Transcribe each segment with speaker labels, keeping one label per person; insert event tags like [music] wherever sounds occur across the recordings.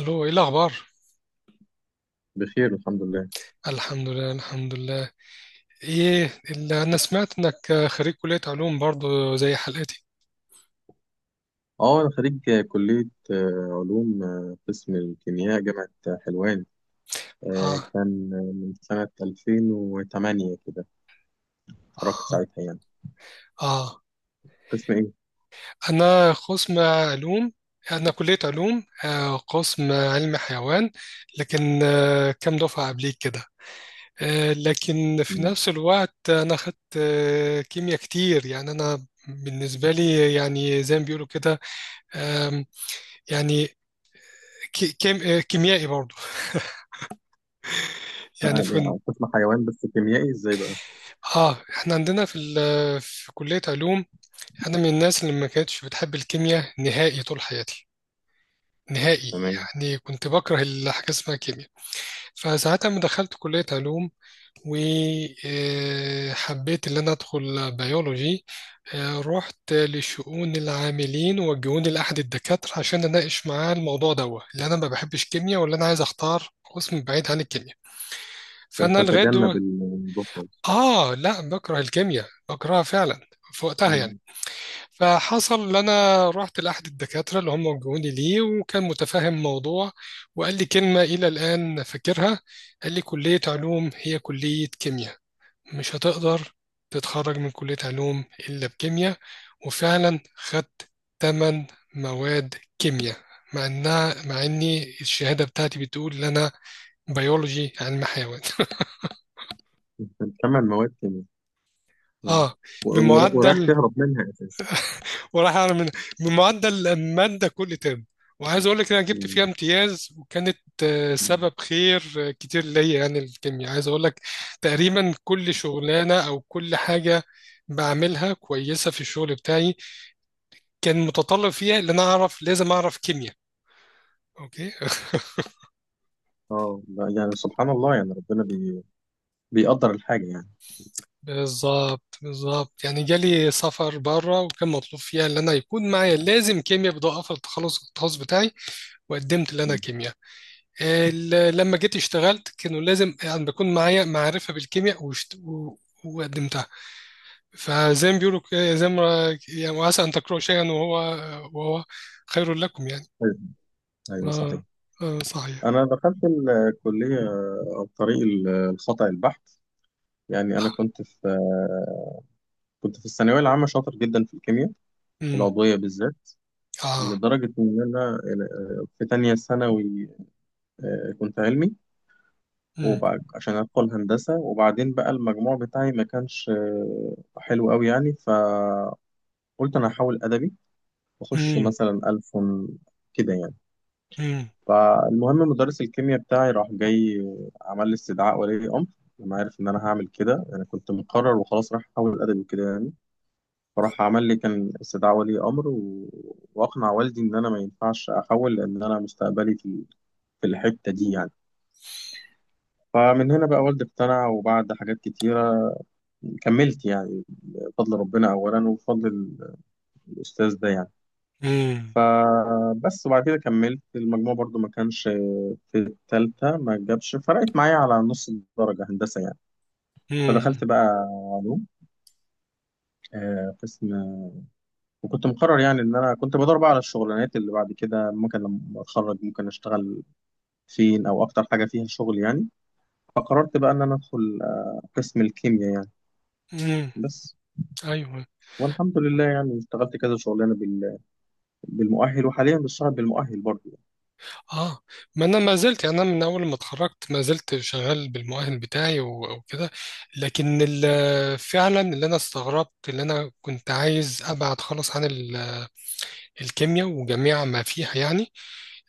Speaker 1: الو، ايه الاخبار؟
Speaker 2: بخير الحمد لله.
Speaker 1: الحمد لله، الحمد لله. ايه اللي انا سمعت انك خريج كلية علوم برضو زي حالاتي؟
Speaker 2: اه انا خريج كلية علوم، قسم الكيمياء، جامعة حلوان.
Speaker 1: اه.
Speaker 2: كان من سنة 2008 كده، اتخرجت
Speaker 1: اه.
Speaker 2: ساعتها يعني.
Speaker 1: اه.
Speaker 2: قسم ايه؟
Speaker 1: انا قسم علوم. انا كلية علوم، قسم علم حيوان، لكن كام دفعة قبليك كده. لكن في
Speaker 2: مم.
Speaker 1: نفس الوقت انا خدت كيمياء كتير، يعني انا بالنسبة لي يعني زي ما بيقولوا كده. آم، يعني كيميائي برضو. يعني
Speaker 2: بقى ليه؟ قسم حيوان بس كيميائي ازاي بقى؟
Speaker 1: اه، احنا عندنا في كلية علوم. انا من الناس اللي ما كانتش بتحب الكيمياء نهائي طول حياتي، نهائي،
Speaker 2: تمام.
Speaker 1: يعني كنت بكره الحاجة اسمها كيمياء. فساعتها لما دخلت كلية علوم وحبيت ان انا ادخل بيولوجي، رحت لشؤون العاملين ووجهوني لأحد الدكاترة عشان اناقش معاه الموضوع دوت اللي انا ما بحبش كيمياء، ولا انا عايز اختار قسم بعيد عن الكيمياء.
Speaker 2: عشان
Speaker 1: فانا لغايه
Speaker 2: تتجنب الموضوع خالص.
Speaker 1: لا، بكره الكيمياء، بكرهها فعلا في وقتها يعني.
Speaker 2: مم.
Speaker 1: فحصل إن أنا رحت لأحد الدكاترة اللي هم وجهوني ليه، وكان متفاهم الموضوع، وقال لي كلمة إلى الآن فاكرها. قال لي كلية علوم هي كلية كيمياء، مش هتقدر تتخرج من كلية علوم إلا بكيمياء. وفعلا خدت تمن مواد كيمياء، مع إني الشهادة بتاعتي بتقول إن أنا بيولوجي علم حيوان [laughs]
Speaker 2: كان ثمان مواد كيمياء آه.
Speaker 1: آه،
Speaker 2: و- و- ورايح
Speaker 1: بمعدل،
Speaker 2: تهرب منها اساسا.
Speaker 1: وراح اعمل من معدل الماده كل ترم. وعايز اقول لك ان انا جبت فيها
Speaker 2: مم.
Speaker 1: امتياز، وكانت
Speaker 2: مم.
Speaker 1: سبب خير كتير ليا. يعني الكيمياء، عايز اقول لك، تقريبا كل شغلانه او كل حاجه بعملها كويسه في الشغل بتاعي كان متطلب فيها ان انا اعرف، لازم اعرف كيمياء. اوكي.
Speaker 2: اه لا، يعني سبحان الله، يعني بيقدر الحاجة يعني.
Speaker 1: بالظبط، بالظبط. يعني جالي سفر بره وكان مطلوب فيها ان انا يكون معايا لازم كيمياء بدون في التخلص التخصص بتاعي، وقدمت ان انا
Speaker 2: مم.
Speaker 1: كيمياء. لما جيت اشتغلت كانوا لازم يعني بكون معايا معرفة بالكيمياء وقدمتها. فزي ما بيقولوا، زي ما يعني، وعسى أن تكرهوا شيئا وهو خير لكم، يعني.
Speaker 2: ايوه. أيوة، صحيح.
Speaker 1: اه، آه صحيح.
Speaker 2: أنا دخلت الكلية عن طريق الخطأ البحت. يعني أنا كنت في الثانوية العامة شاطر جدا في الكيمياء
Speaker 1: امم.
Speaker 2: العضوية بالذات،
Speaker 1: اه.
Speaker 2: لدرجة إن أنا في تانية ثانوي كنت علمي،
Speaker 1: امم.
Speaker 2: وبعد عشان أدخل هندسة. وبعدين بقى المجموع بتاعي ما كانش حلو أوي، يعني فقلت أنا هحاول أدبي وأخش
Speaker 1: امم.
Speaker 2: مثلا ألف كده يعني.
Speaker 1: امم.
Speaker 2: فالمهم مدرس الكيمياء بتاعي راح جاي عمل لي استدعاء ولي امر لما عرف ان انا هعمل كده، انا كنت مقرر وخلاص راح احول ادبي كده يعني. فراح عمل لي كان استدعاء ولي امر و... واقنع والدي ان انا ما ينفعش احول، لان انا مستقبلي في الحته دي يعني. فمن هنا بقى والدي اقتنع، وبعد حاجات كتيره كملت يعني بفضل ربنا اولا وبفضل الاستاذ ده يعني.
Speaker 1: امم.
Speaker 2: فبس، وبعد كده كملت. المجموع برضو ما كانش في التالتة، ما جابش، فرقت معايا على نص درجة هندسة يعني. فدخلت
Speaker 1: امم.
Speaker 2: بقى علوم، قسم. وكنت مقرر يعني ان انا كنت بدور بقى على الشغلانات اللي بعد كده ممكن لما اتخرج ممكن اشتغل فين، او اكتر حاجة فيها شغل يعني. فقررت بقى ان انا ادخل قسم الكيمياء يعني،
Speaker 1: أمم.
Speaker 2: بس.
Speaker 1: ايوه.
Speaker 2: والحمد لله يعني اشتغلت كذا شغلانة بالمؤهل، وحاليا بشتغل بالمؤهل برضه.
Speaker 1: اه. ما انا ما زلت، يعني انا من اول ما اتخرجت ما زلت شغال بالمؤهل بتاعي وكده. لكن فعلا اللي انا استغربت، اللي انا كنت عايز ابعد خالص عن الكيمياء وجميع ما فيها يعني.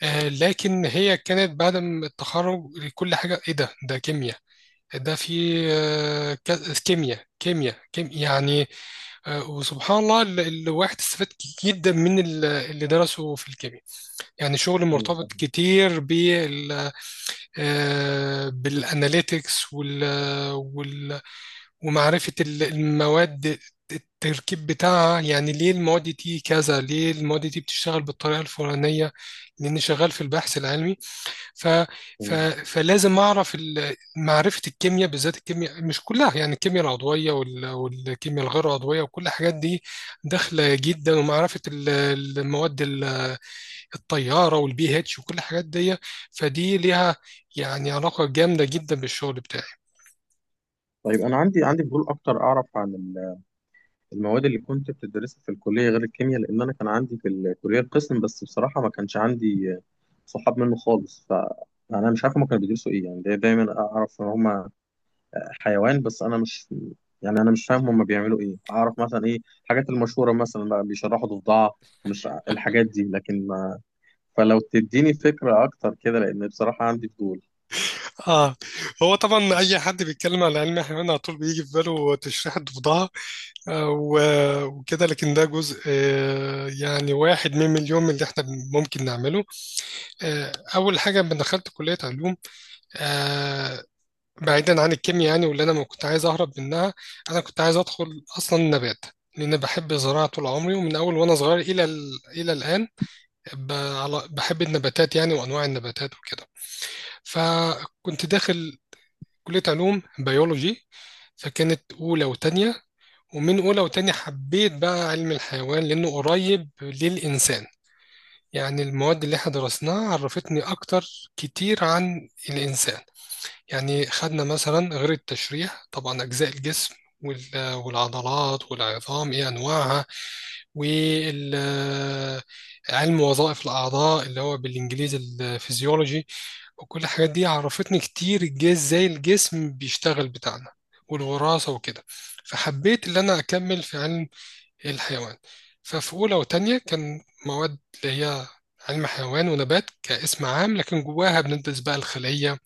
Speaker 1: آه، لكن هي كانت بعد ما التخرج، كل حاجه ايه؟ ده كيمياء، ده في كيمياء، كيمياء، كيمياء يعني. آه، وسبحان الله، الواحد استفاد جدا من اللي درسه في الكيمياء. يعني شغل
Speaker 2: ايوه،
Speaker 1: مرتبط
Speaker 2: فاهم.
Speaker 1: كتير بالاناليتكس وال وال ومعرفه المواد، التركيب بتاعها، يعني ليه المواد دي كذا، ليه المواد دي بتشتغل بالطريقه الفلانيه. لاني شغال في البحث العلمي، ف ف
Speaker 2: تمام.
Speaker 1: فلازم اعرف معرفه الكيمياء، بالذات الكيمياء مش كلها يعني، الكيمياء العضويه والكيمياء الغير عضويه وكل الحاجات دي داخله جدا. ومعرفه المواد الطياره والبي اتش وكل الحاجات دي، فدي ليها يعني علاقه جامده جدا بالشغل بتاعي.
Speaker 2: طيب انا عندي فضول اكتر اعرف عن المواد اللي كنت بتدرسها في الكلية غير الكيمياء، لأن أنا كان عندي في الكلية القسم، بس بصراحة ما كانش عندي صحاب منه خالص، فأنا مش عارف هما كانوا بيدرسوا إيه يعني. دايما أعرف إن هما حيوان، بس أنا مش، يعني أنا مش فاهم هما بيعملوا إيه. أعرف مثلا إيه الحاجات المشهورة، مثلا بقى بيشرحوا ضفدعة مش ع- الحاجات دي، لكن ما، فلو تديني فكرة أكتر كده لأن بصراحة عندي فضول.
Speaker 1: اه، هو طبعا اي حد بيتكلم على علم الحيوان على طول بيجي في باله تشريح الضفدعه، وكده، لكن ده جزء، يعني واحد من مليون من اللي احنا ممكن نعمله. اول حاجه لما دخلت كليه علوم، آه، بعيدا عن الكيمياء يعني، واللي انا ما كنت عايز اهرب منها، انا كنت عايز ادخل اصلا نبات، لان بحب الزراعه طول عمري، ومن اول وانا صغير الى الى الان ب- بحب النباتات يعني وانواع النباتات وكده. فكنت داخل كليه علوم بيولوجي. فكانت اولى وتانية، ومن اولى وتانية حبيت بقى علم الحيوان لانه قريب للانسان. يعني المواد اللي احنا درسناها عرفتني اكتر كتير عن الانسان. يعني خدنا مثلا، غير التشريح طبعا، اجزاء الجسم والعضلات والعظام ايه انواعها، وعلم وظائف الأعضاء اللي هو بالإنجليزي الفيزيولوجي، وكل الحاجات دي عرفتني كتير الجسم ازاي، الجسم بيشتغل بتاعنا، والوراثة وكده. فحبيت إن أنا أكمل في علم الحيوان. ففي أولى وتانية كان مواد اللي هي علم حيوان ونبات كاسم عام، لكن جواها بندرس بقى الخلية،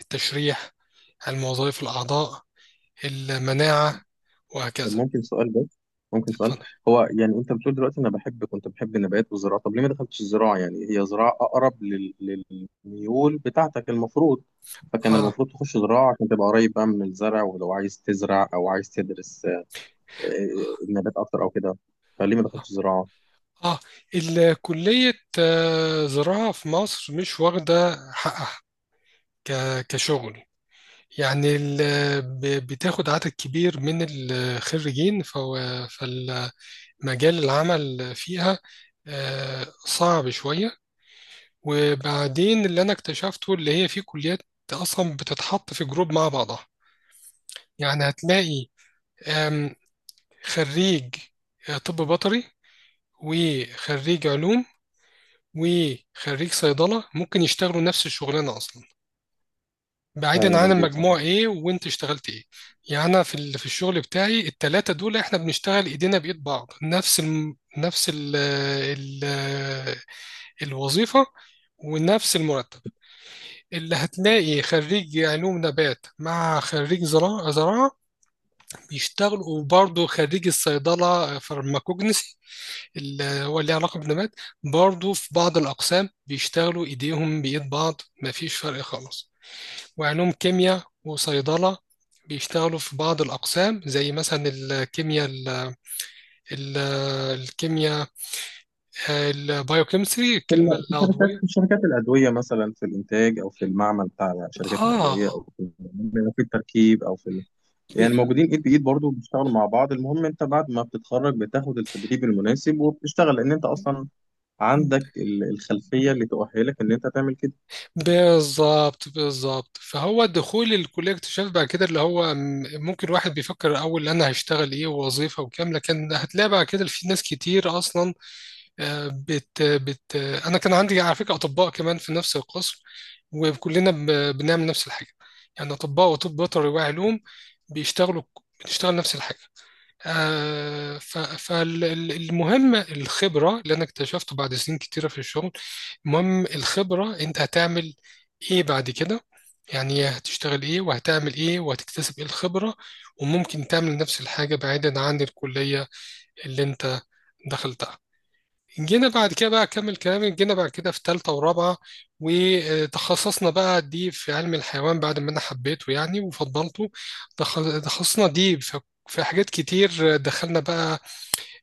Speaker 1: التشريح، علم وظائف الأعضاء، المناعة،
Speaker 2: طب
Speaker 1: وهكذا.
Speaker 2: ممكن سؤال بس، ممكن سؤال.
Speaker 1: اتفضل.
Speaker 2: هو يعني انت بتقول دلوقتي انا بحب، كنت بحب النبات والزراعه، طب ليه ما دخلتش الزراعه؟ يعني هي زراعه اقرب للميول بتاعتك المفروض. فكان
Speaker 1: اه.
Speaker 2: المفروض تخش زراعه عشان تبقى قريب بقى من الزرع، ولو عايز تزرع او عايز تدرس آه، النبات اكتر او كده. فليه ما دخلتش زراعه؟
Speaker 1: اه. الكلية، زراعة في مصر مش واخدة حقها كشغل، يعني بتاخد عدد كبير من الخريجين، فالمجال العمل فيها صعب شوية. وبعدين اللي أنا اكتشفته اللي هي في كليات أصلا بتتحط في جروب مع بعضها. يعني هتلاقي آم، خريج طب بيطري، وخريج علوم، وخريج صيدلة، ممكن يشتغلوا نفس الشغلانة أصلا، بعيدا
Speaker 2: ايوه،
Speaker 1: عن
Speaker 2: مظبوط، صح.
Speaker 1: المجموع إيه وأنت اشتغلت إيه. يعني أنا في في الشغل بتاعي التلاتة دول إحنا بنشتغل إيدينا بإيد بعض، نفس ال نفس ال ال الوظيفة ونفس المرتب. اللي هتلاقي خريج علوم نبات مع خريج زراعة زراعة بيشتغلوا، وبرضه خريج الصيدلة فارماكوجنسي اللي هو ليه علاقة بالنبات، برضو في بعض الأقسام بيشتغلوا إيديهم بإيد بعض، مفيش فرق خالص. وعلوم كيمياء وصيدلة بيشتغلوا في بعض الأقسام، زي مثلا الكيمياء ال ال الكيمياء البايوكيمستري، الكلمة
Speaker 2: في شركات،
Speaker 1: العضوية.
Speaker 2: في شركات الادويه مثلا، في الانتاج او في المعمل بتاع شركات الادويه،
Speaker 1: آه
Speaker 2: او في في التركيب او في يعني
Speaker 1: ب-
Speaker 2: موجودين ايد بايد برضه، بيشتغلوا مع بعض. المهم انت بعد ما بتتخرج بتاخد التدريب المناسب وبتشتغل، لان انت اصلا عندك الخلفيه اللي تؤهلك ان انت تعمل كده.
Speaker 1: بالظبط، بالظبط. فهو دخول الكلية اكتشاف بعد كده، اللي هو ممكن واحد بيفكر الأول أنا هشتغل إيه، ووظيفة، وكام، لكن هتلاقي بعد كده في ناس كتير أصلا، آه، بت بت انا كان عندي على فكره اطباء كمان في نفس القسم، وكلنا بنعمل نفس الحاجه. يعني اطباء وطب بيطري وعلوم بيشتغلوا، بتشتغل نفس الحاجه. فالمهم الخبره، اللي انا اكتشفته بعد سنين كتيره في الشغل، المهم الخبره. انت هتعمل ايه بعد كده؟ يعني هتشتغل ايه، وهتعمل ايه، وهتكتسب ايه الخبره. وممكن تعمل نفس الحاجه بعيدا عن الكليه اللي انت دخلتها. جينا بعد كده بقى، أكمل كلامي، جينا بعد كده في تالتة ورابعة وتخصصنا بقى دي في علم الحيوان بعد ما أنا حبيته يعني وفضلته. تخصصنا دي في، في حاجات كتير دخلنا بقى،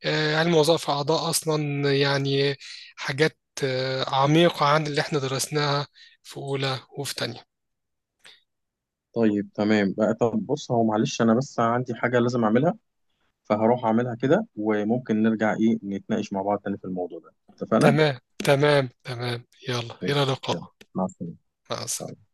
Speaker 1: علم وظائف أعضاء أصلا يعني، حاجات عميقة عن اللي احنا درسناها في أولى وفي تانية.
Speaker 2: طيب تمام بقى. طب بص، هو معلش انا بس عندي حاجه لازم اعملها، فهروح اعملها كده، وممكن نرجع ايه نتناقش مع بعض تاني في الموضوع ده، اتفقنا؟
Speaker 1: تمام، تمام، تمام، يلا،
Speaker 2: طيب،
Speaker 1: إلى
Speaker 2: يلا،
Speaker 1: اللقاء.
Speaker 2: مع السلامه.
Speaker 1: مع
Speaker 2: إن شاء
Speaker 1: السلامة.
Speaker 2: الله.